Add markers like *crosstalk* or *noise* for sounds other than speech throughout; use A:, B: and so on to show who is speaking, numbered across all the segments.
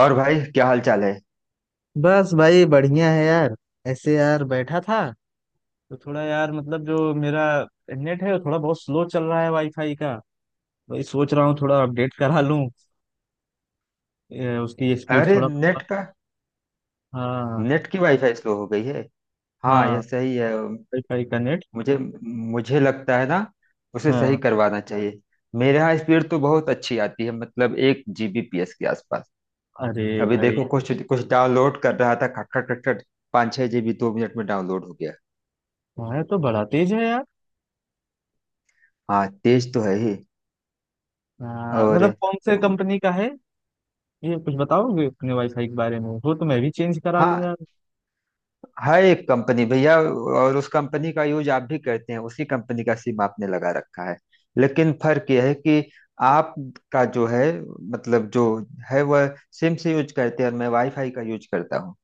A: और भाई, क्या हाल चाल है?
B: बस भाई बढ़िया है यार। ऐसे यार बैठा था तो थोड़ा यार मतलब जो मेरा नेट है वो थोड़ा बहुत स्लो चल रहा है वाईफाई का। भाई सोच रहा हूँ थोड़ा अपडेट करा लूँ। उसकी स्पीड
A: अरे,
B: थोड़ा।
A: नेट का?
B: हाँ।
A: नेट की वाईफाई स्लो हो गई है। हाँ,
B: हाँ,
A: यह सही है।
B: वाईफाई का नेट।
A: मुझे मुझे लगता है ना, उसे सही
B: हाँ।
A: करवाना चाहिए। मेरे यहाँ स्पीड तो बहुत अच्छी आती है, मतलब 1 Gbps के आसपास।
B: अरे
A: अभी
B: भाई,
A: देखो, कुछ कुछ डाउनलोड कर रहा था, खट खट खट खट, 5-6 GB 2 मिनट में डाउनलोड हो गया।
B: तुम्हारा तो बड़ा तेज है यार।
A: हाँ, तेज तो है ही।
B: हाँ,
A: और
B: मतलब कौन से कंपनी का है ये? कुछ बताओगे अपने वाईफाई के बारे में, वो तो मैं भी चेंज करा लूँ
A: हाँ,
B: यार।
A: हर एक कंपनी भैया। और उस कंपनी का यूज आप भी करते हैं, उसी कंपनी का सिम आपने लगा रखा है, लेकिन फर्क यह है कि आपका जो है, मतलब जो है वह सिम से यूज करते हैं, और मैं वाईफाई का यूज करता हूँ।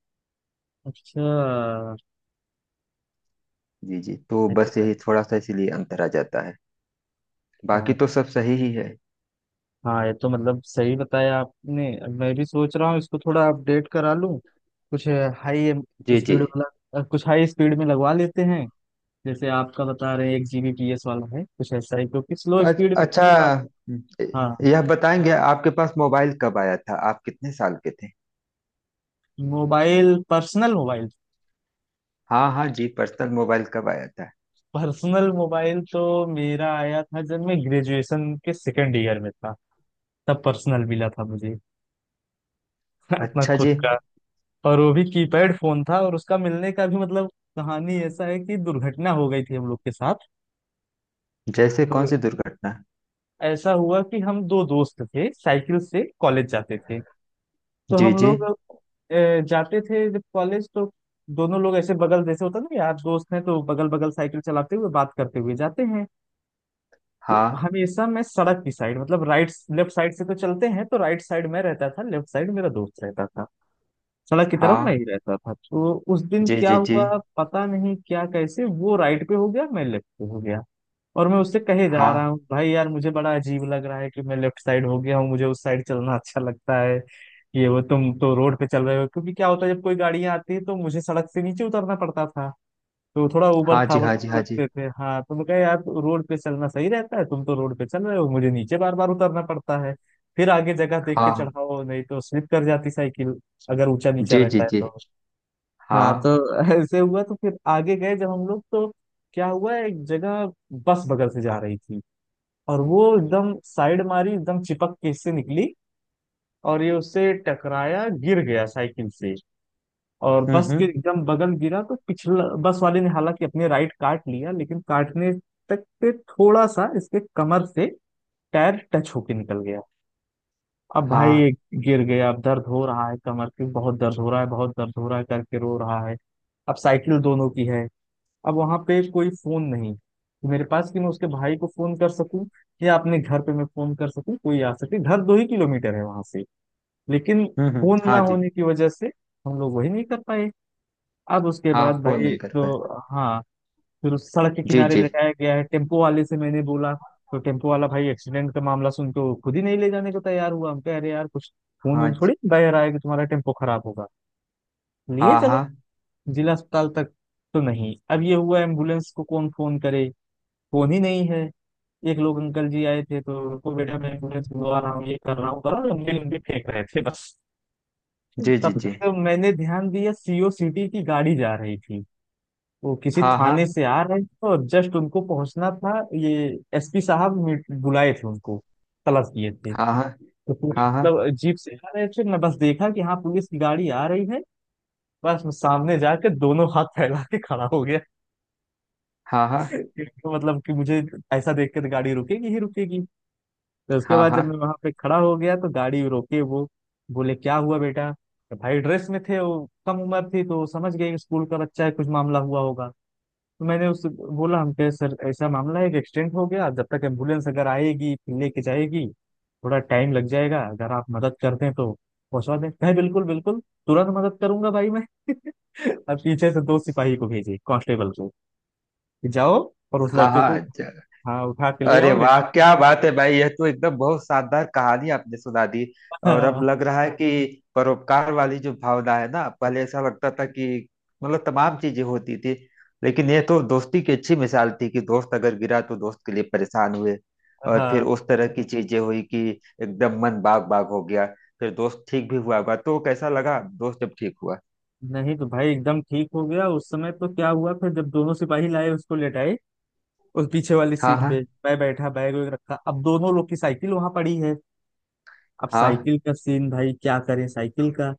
A: जी जी, तो
B: अच्छा।
A: बस यही थोड़ा सा इसीलिए अंतर आ जाता है। बाकी तो सब सही ही है।
B: हाँ, ये तो मतलब सही बताया आपने, अब मैं भी सोच रहा हूँ इसको थोड़ा अपडेट करा लूँ। कुछ हाई
A: जी जी।
B: स्पीड वाला। कुछ हाई स्पीड में लगवा लेते हैं, जैसे आपका बता रहे हैं एक जीबी पी एस वाला है, कुछ ऐसा ही क्योंकि स्लो स्पीड।
A: अच्छा,
B: हाँ।
A: यह बताएंगे, आपके पास मोबाइल कब आया था? आप कितने साल के थे?
B: मोबाइल? Personal mobile?
A: हाँ हाँ जी, पर्सनल मोबाइल कब आया था?
B: पर्सनल मोबाइल तो मेरा आया था जब मैं ग्रेजुएशन के सेकंड ईयर में था। तब पर्सनल मिला था मुझे। *laughs* अपना
A: अच्छा
B: खुद
A: जी।
B: का। और वो भी कीपैड फोन था। और उसका मिलने का भी मतलब, कहानी ऐसा है कि दुर्घटना हो गई थी हम लोग के साथ।
A: जैसे
B: तो
A: कौन सी दुर्घटना?
B: ऐसा हुआ कि हम दो दोस्त थे, साइकिल से कॉलेज जाते थे। तो
A: जी
B: हम
A: जी।
B: लोग जाते थे जब कॉलेज, तो दोनों लोग ऐसे बगल, जैसे होता ना यार, दोस्त हैं तो बगल बगल साइकिल चलाते हुए बात करते हुए जाते हैं। तो
A: हाँ
B: हमेशा मैं सड़क की साइड, मतलब राइट लेफ्ट साइड से तो चलते हैं, तो राइट साइड मैं रहता था, लेफ्ट साइड मेरा दोस्त रहता था। सड़क की तरफ मैं
A: हाँ।
B: ही रहता था। तो उस दिन
A: जी
B: क्या
A: जी जी।
B: हुआ पता नहीं, क्या कैसे वो राइट पे हो गया, मैं लेफ्ट पे हो गया। और मैं उससे कहे जा रहा
A: हाँ
B: हूँ, भाई यार मुझे बड़ा अजीब लग रहा है कि मैं लेफ्ट साइड हो गया हूँ, मुझे उस साइड चलना अच्छा लगता है। ये वो तुम तो रोड पे चल रहे हो, क्योंकि क्या होता है जब कोई गाड़ियां आती है तो मुझे सड़क से नीचे उतरना पड़ता था। तो थोड़ा ऊबड़
A: हाँ जी।
B: खाबड़
A: हाँ जी
B: से
A: हाँ
B: लगते
A: जी
B: थे। हाँ, तो मैं कहा यार तो रोड पे चलना सही रहता है, तुम तो रोड पे चल रहे हो, मुझे नीचे बार बार उतरना पड़ता है। फिर आगे जगह देख के
A: हाँ
B: चढ़ाओ, नहीं तो स्लिप कर जाती साइकिल अगर ऊंचा नीचा
A: जी जी
B: रहता है
A: जी।
B: तो। हाँ तो
A: हाँ।
B: *laughs* ऐसे हुआ। तो फिर आगे गए जब हम लोग तो क्या हुआ, एक जगह बस बगल से जा रही थी, और वो एकदम साइड मारी, एकदम चिपक के इससे निकली, और ये उससे टकराया, गिर गया साइकिल से। और बस के
A: हम्म।
B: एकदम बगल गिरा तो पिछला बस वाले ने हालांकि अपने राइट काट लिया, लेकिन काटने तक पे थोड़ा सा इसके कमर से टायर टच होके निकल गया। अब भाई,
A: हाँ।
B: गिर गया, अब दर्द हो रहा है, कमर के बहुत दर्द हो रहा है, बहुत दर्द हो रहा है करके रो रहा है। अब साइकिल दोनों की है। अब वहां पे कोई फोन नहीं मेरे पास कि मैं उसके भाई को फोन कर सकूं या अपने घर पे मैं फोन कर सकूं कोई आ सके। घर 2 ही किलोमीटर है वहां से। लेकिन फोन ना
A: हाँ जी।
B: होने की वजह से हम लोग वही नहीं कर पाए। अब उसके
A: हाँ,
B: बाद
A: फोन
B: भाई
A: नहीं कर
B: तो
A: पाए।
B: हाँ, फिर उस सड़क के
A: जी
B: किनारे
A: जी।
B: लेटाया गया है, टेम्पो वाले से मैंने बोला। तो टेम्पो वाला भाई एक्सीडेंट का मामला सुन के वो खुद ही नहीं ले जाने को तैयार हुआ। हम कह रहे यार कुछ खून
A: हाँ
B: वून
A: जी।
B: थोड़ी बह रहा है कि तुम्हारा टेम्पो खराब होगा, लिए
A: हाँ
B: चलो
A: हाँ।
B: जिला अस्पताल तक। तो नहीं। अब ये हुआ एम्बुलेंस को कौन फोन करे, फोन ही नहीं है। एक लोग अंकल जी आए थे तो उनको बेटा मैं एम्बुलेंस बुलवा रहा हूँ ये कर रहा हूँ कर रहा हूँ, लंबी लंबी फेंक रहे थे बस।
A: जी जी
B: तब
A: जी।
B: जाके मैंने ध्यान दिया, सीओ सिटी की गाड़ी जा रही थी। वो किसी
A: हाँ
B: थाने
A: हाँ
B: से आ रहे थे और जस्ट उनको पहुंचना था ये एसपी साहब बुलाए थे उनको, तलब किए थे।
A: हाँ। हाँ।
B: तो पूरी
A: हाँ
B: मतलब जीप से आ रहे थे, मैं बस देखा कि हाँ पुलिस की गाड़ी आ रही है। बस मैं सामने जाकर दोनों हाथ फैला के खड़ा हो गया।
A: हाँ। हाँ हाँ।
B: *laughs* तो मतलब कि मुझे ऐसा देख के तो गाड़ी रुकेगी ही रुकेगी। तो उसके
A: हाँ
B: बाद
A: हाँ।
B: जब मैं वहां पे खड़ा हो गया तो गाड़ी रोके वो, बोले क्या हुआ बेटा। तो भाई ड्रेस में थे, वो कम उम्र थी तो समझ गए कि स्कूल का बच्चा है, कुछ मामला हुआ होगा। तो मैंने उससे बोला, हम कहे सर ऐसा मामला है कि एक्सीडेंट हो गया, जब तक एम्बुलेंस अगर आएगी फिर लेके जाएगी थोड़ा टाइम लग जाएगा, अगर आप मदद कर दें तो पहुंचवा दें। कहे बिल्कुल बिल्कुल, तुरंत मदद करूंगा भाई मैं। *laughs* अब पीछे से दो सिपाही को भेजे, कांस्टेबल को, कि जाओ और उस
A: हाँ
B: लड़के को
A: हाँ।
B: हाँ उठा के ले
A: अरे
B: आओ,
A: वाह,
B: लेटाओ।
A: क्या बात है भाई! यह तो एकदम बहुत शानदार कहानी आपने सुना दी।
B: *laughs*
A: और अब
B: हाँ।
A: लग रहा है कि परोपकार वाली जो भावना है ना, पहले ऐसा लगता था कि मतलब तमाम चीजें होती थी, लेकिन यह तो दोस्ती की अच्छी मिसाल थी कि दोस्त अगर गिरा तो दोस्त के लिए परेशान हुए, और फिर
B: हाँ,
A: उस तरह की चीजें हुई कि एकदम मन बाग बाग हो गया। फिर दोस्त ठीक भी हुआ होगा तो कैसा लगा दोस्त जब ठीक हुआ?
B: नहीं तो भाई एकदम ठीक हो गया उस समय। तो क्या हुआ फिर, जब दोनों सिपाही लाए उसको लेटाए, उस पीछे वाली
A: हाँ
B: सीट
A: हाँ।
B: पे मैं बैठा, बैग वैग रखा, अब दोनों लोग की साइकिल वहां पड़ी है। अब
A: हाँ।
B: साइकिल का सीन भाई क्या करें साइकिल का।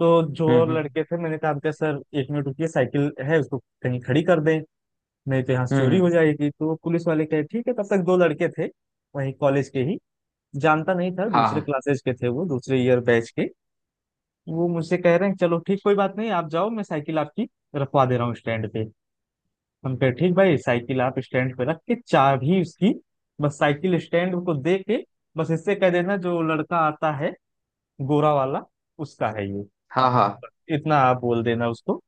B: तो जो
A: हम्म।
B: लड़के थे, मैंने कहा अंकल सर 1 मिनट रुकिए, साइकिल है उसको कहीं खड़ी कर दें, नहीं तो यहाँ से
A: हम्म
B: चोरी हो
A: हम्म,
B: जाएगी। तो पुलिस वाले कहे ठीक है। तब तक दो लड़के थे वहीं कॉलेज के ही, जानता नहीं था, दूसरे
A: हाँ
B: क्लासेज के थे वो, दूसरे ईयर बैच के। वो मुझसे कह रहे हैं चलो ठीक, कोई बात नहीं, आप जाओ, मैं साइकिल आपकी रखवा दे रहा हूँ स्टैंड पे। हम कहे ठीक भाई, साइकिल आप स्टैंड पे रख के चाबी उसकी, बस साइकिल स्टैंड को दे के, बस इससे कह देना जो लड़का आता है गोरा वाला उसका है ये,
A: हाँ। हाँ।
B: इतना आप बोल देना उसको,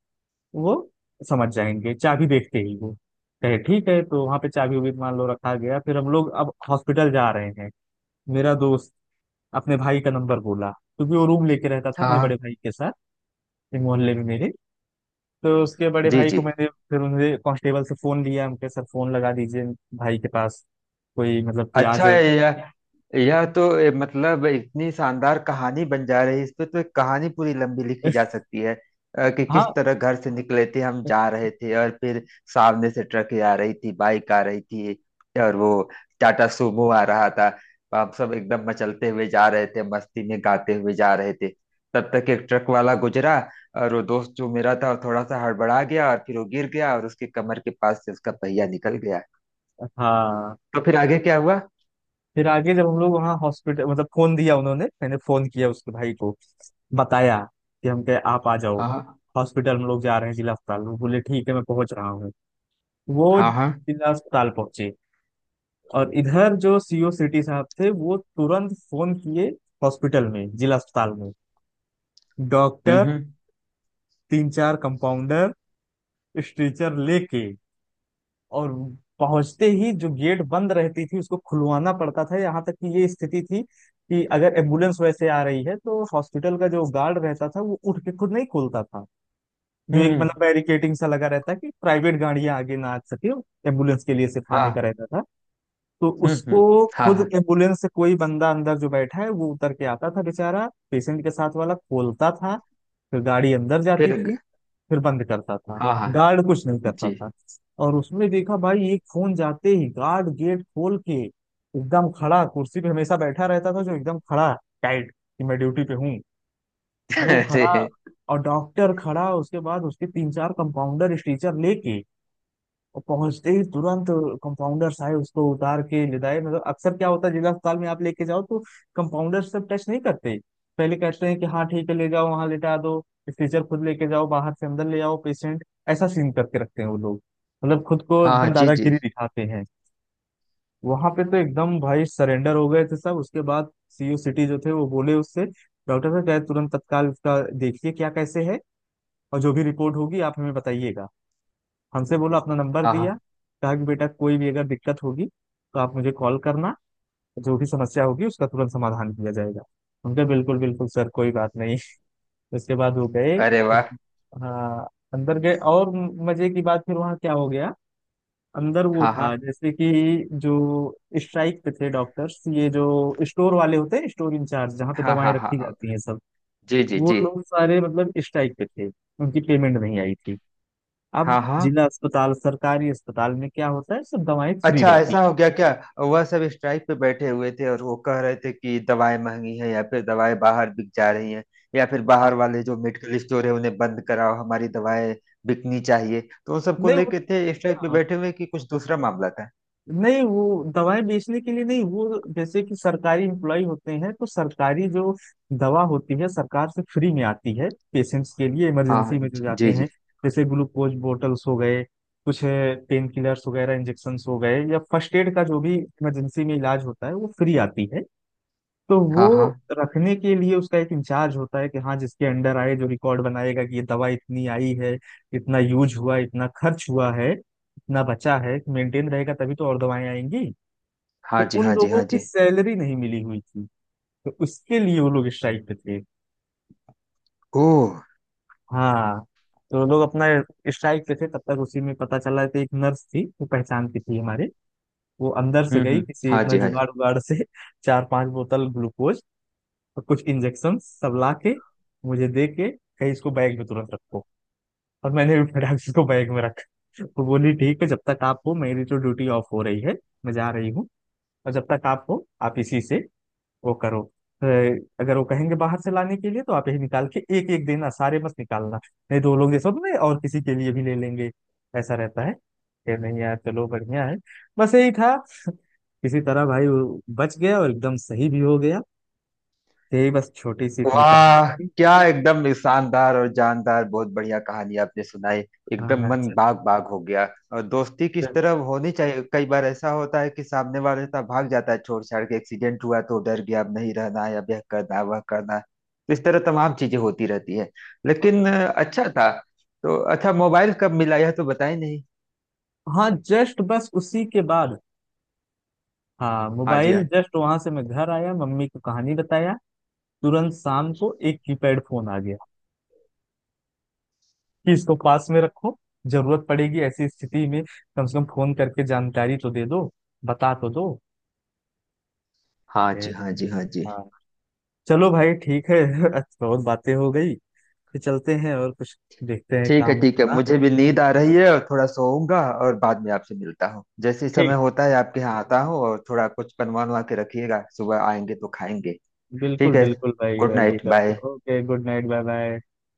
B: वो समझ जाएंगे चाबी देखते ही वो। कहे ठीक है। तो वहां पे चाबी उबी मान लो रखा गया। फिर हम लोग अब हॉस्पिटल जा रहे हैं, मेरा दोस्त अपने भाई का नंबर बोला क्योंकि वो रूम लेके रहता था
A: हाँ।
B: अपने
A: हाँ
B: बड़े भाई के साथ एक मोहल्ले में मेरे। तो उसके बड़े
A: जी
B: भाई को
A: जी।
B: मैंने फिर उन्हें कांस्टेबल से फोन लिया, हम कहे सर फोन लगा दीजिए भाई के पास, कोई मतलब कि आ
A: अच्छा
B: जाए।
A: है यह। यह तो मतलब इतनी शानदार कहानी बन जा रही है, इस पे तो एक कहानी पूरी लंबी लिखी जा
B: *laughs*
A: सकती है। कि
B: हाँ।
A: किस तरह घर से निकले थे, हम जा रहे थे और फिर सामने से ट्रक आ रही थी, बाइक आ रही थी, और वो टाटा सुमो आ रहा था। हम सब एकदम मचलते हुए जा रहे थे, मस्ती में गाते हुए जा रहे थे। तब तक एक ट्रक वाला गुजरा, और वो दोस्त जो मेरा था वो थोड़ा सा हड़बड़ा गया और फिर वो गिर गया और उसके कमर के पास से उसका पहिया निकल गया।
B: हाँ,
A: तो फिर आगे क्या हुआ?
B: फिर आगे जब हम लोग वहाँ हॉस्पिटल मतलब फोन दिया उन्होंने, मैंने फोन किया उसके भाई को, बताया कि हम कहे आप आ जाओ
A: हाँ
B: हॉस्पिटल, हम लोग जा रहे हैं जिला अस्पताल। वो बोले ठीक है मैं पहुंच रहा हूँ। वो
A: हाँ। हाँ।
B: जिला अस्पताल पहुंचे। और इधर जो सीओ सिटी साहब थे वो तुरंत फोन किए हॉस्पिटल में, जिला अस्पताल में। डॉक्टर,
A: हम्म।
B: तीन चार कंपाउंडर स्ट्रेचर लेके। और पहुंचते ही जो गेट बंद रहती थी उसको खुलवाना पड़ता था। यहाँ तक कि ये स्थिति थी कि अगर एम्बुलेंस वैसे आ रही है तो हॉस्पिटल का जो गार्ड रहता था वो उठ के खुद नहीं खोलता था। जो एक
A: हम्म।
B: मतलब बैरिकेटिंग सा लगा रहता कि प्राइवेट गाड़ियां आगे ना आ सके, एम्बुलेंस के लिए सिर्फ
A: हाँ।
B: आने का रहता था। तो
A: हम्म,
B: उसको
A: हम्म, हाँ
B: खुद
A: हाँ।
B: एम्बुलेंस से कोई बंदा अंदर जो बैठा है वो उतर के आता था बेचारा, पेशेंट के साथ वाला खोलता था, फिर गाड़ी अंदर
A: फिर।
B: जाती थी, फिर बंद करता था,
A: हाँ हाँ।
B: गार्ड कुछ नहीं करता
A: जी।
B: था।
A: *laughs*
B: और उसमें देखा भाई एक फोन जाते ही गार्ड गेट खोल के एकदम खड़ा, कुर्सी पे हमेशा बैठा रहता था जो, एकदम खड़ा टाइट कि मैं ड्यूटी पे हूँ। वो
A: अरे।
B: खड़ा और डॉक्टर खड़ा, उसके बाद उसके तीन चार कंपाउंडर स्ट्रेचर लेके, और पहुंचते ही तुरंत कंपाउंडर्स आए, उसको उतार के ले आए। मतलब अक्सर क्या होता है जिला अस्पताल में आप लेके जाओ तो कंपाउंडर सब टच नहीं करते, पहले कहते हैं कि हाँ ठीक है ले जाओ वहां लेटा दो, स्ट्रेचर खुद लेके जाओ बाहर से, अंदर ले आओ पेशेंट। ऐसा सीन करके रखते हैं वो लोग, मतलब खुद को
A: हाँ
B: एकदम
A: हाँ। जी जी।
B: दादागिरी दिखाते हैं। वहां पे तो एकदम भाई सरेंडर हो गए थे सब। उसके बाद सीईओ सिटी जो थे वो बोले उससे, डॉक्टर साहब क्या है, तुरंत तत्काल इसका देखिए क्या कैसे है, और जो भी रिपोर्ट होगी आप हमें बताइएगा। हमसे बोला अपना नंबर
A: हाँ हाँ।
B: दिया, कहा कि बेटा कोई भी अगर दिक्कत होगी तो आप मुझे कॉल करना, जो भी समस्या होगी उसका तुरंत समाधान किया जाएगा। उनका बिल्कुल बिल्कुल सर कोई बात नहीं। उसके बाद वो गए।
A: अरे वाह।
B: हाँ, अंदर गए। और मजे की बात फिर वहाँ क्या हो गया, अंदर वो
A: हाँ
B: था
A: हाँ
B: जैसे कि जो स्ट्राइक पे थे डॉक्टर्स, ये जो स्टोर वाले होते हैं स्टोर इंचार्ज, जहाँ पे
A: हाँ।
B: दवाएं
A: हाँ।
B: रखी
A: हाँ।
B: जाती हैं सब,
A: जी जी
B: वो
A: जी।
B: लोग सारे मतलब स्ट्राइक पे थे, उनकी पेमेंट नहीं आई थी। अब
A: हाँ हाँ।
B: जिला अस्पताल सरकारी अस्पताल में क्या होता है सब दवाएं फ्री
A: अच्छा,
B: रहती
A: ऐसा
B: हैं।
A: हो गया क्या? वह सब स्ट्राइक पे बैठे हुए थे और वो कह रहे थे कि दवाएं महंगी हैं, या फिर दवाएं बाहर बिक जा रही हैं, या फिर
B: हाँ,
A: बाहर वाले जो मेडिकल स्टोर है उन्हें बंद कराओ, हमारी दवाएं बिकनी चाहिए, तो उन सबको
B: नहीं
A: लेके थे स्ट्राइक पे
B: होता।
A: बैठे हुए, कि कुछ दूसरा मामला था?
B: नहीं, वो दवाएं बेचने के लिए नहीं, वो जैसे कि सरकारी एम्प्लॉय होते हैं तो सरकारी जो दवा होती है सरकार से फ्री में आती है पेशेंट्स के लिए इमरजेंसी
A: हाँ
B: में जो जाते
A: जी
B: हैं,
A: जी।
B: जैसे ग्लूकोज बोटल्स हो गए, कुछ पेन किलर्स वगैरह इंजेक्शन हो गए या फर्स्ट एड का जो भी इमरजेंसी में इलाज होता है वो फ्री आती है। तो वो
A: हाँ हाँ।
B: रखने के लिए उसका एक इंचार्ज होता है कि हाँ जिसके अंडर आए जो रिकॉर्ड बनाएगा कि ये दवा इतनी आई है, इतना यूज हुआ, इतना खर्च हुआ है, इतना बचा है मेंटेन रहेगा तभी तो और दवाएं आएंगी। तो
A: हाँ जी
B: उन
A: हाँ जी
B: लोगों
A: हाँ
B: की
A: जी।
B: सैलरी नहीं मिली हुई थी तो उसके लिए वो लोग स्ट्राइक पे थे।
A: ओह।
B: हाँ, तो लोग अपना स्ट्राइक पे थे। तब तक उसी में पता चला कि एक नर्स थी वो पहचान की थी हमारे, वो अंदर से गई किसी
A: हाँ
B: अपना
A: जी हाँ जी।
B: जुगाड़ उगाड़ से *laughs* चार पांच बोतल ग्लूकोज और कुछ इंजेक्शन सब ला के मुझे दे के कहीं, इसको बैग में तुरंत रखो। और मैंने भी फटाक से इसको बैग में रखा। तो वो बोली ठीक है, जब तक आप हो मेरी तो ड्यूटी ऑफ हो रही है, मैं जा रही हूँ, और जब तक आप हो आप इसी से वो करो। अ, अगर वो कहेंगे बाहर से लाने के लिए तो आप यही निकाल के एक एक देना, सारे मत निकालना, नहीं दो लोग जैसे होते हैं ना, और किसी के लिए भी ले लेंगे, ऐसा रहता है कि नहीं यार चलो बढ़िया है। बस यही था। किसी तरह भाई वो बच गया और एकदम सही भी हो गया। यही बस छोटी सी इतनी
A: वाह,
B: कहानी थी।
A: क्या एकदम शानदार और जानदार, बहुत बढ़िया कहानी आपने सुनाई। एकदम
B: हाँ
A: मन बाग बाग हो गया। और दोस्ती किस
B: जस्ट।
A: तरह होनी चाहिए, कई बार ऐसा होता है कि सामने वाला इतना भाग जाता है, छोड़ छाड़ के एक्सीडेंट हुआ तो डर गया, अब नहीं रहना है, अब यह करना है, वह करना है। तो इस तरह तमाम चीजें होती रहती है, लेकिन अच्छा था। तो अच्छा, मोबाइल कब मिला यह तो बताए नहीं?
B: हाँ जस्ट बस उसी के बाद। हाँ,
A: हाँ जी
B: मोबाइल
A: हाँ।
B: जस्ट वहां से मैं घर आया, मम्मी को कहानी बताया, तुरंत शाम को एक कीपैड फोन आ गया कि इसको पास में रखो, जरूरत पड़ेगी ऐसी स्थिति में, कम से कम फोन करके जानकारी तो दे दो, बता तो दो।
A: हाँ जी
B: ए,
A: हाँ जी हाँ जी।
B: हाँ, चलो भाई ठीक है। *laughs* अच्छा, बहुत बातें हो गई, फिर चलते हैं और कुछ देखते हैं
A: ठीक है
B: काम
A: ठीक है,
B: अपना।
A: मुझे भी नींद आ रही है और थोड़ा सोऊंगा, और बाद में आपसे मिलता हूँ। जैसे ही समय
B: ठीक,
A: होता है आपके यहाँ आता हूँ, और थोड़ा कुछ बनवा बनवा के रखिएगा, सुबह आएंगे तो खाएंगे। ठीक
B: बिल्कुल
A: है,
B: बिल्कुल भाई
A: गुड नाइट,
B: आइएगा।
A: Bye.
B: Okay good night bye bye.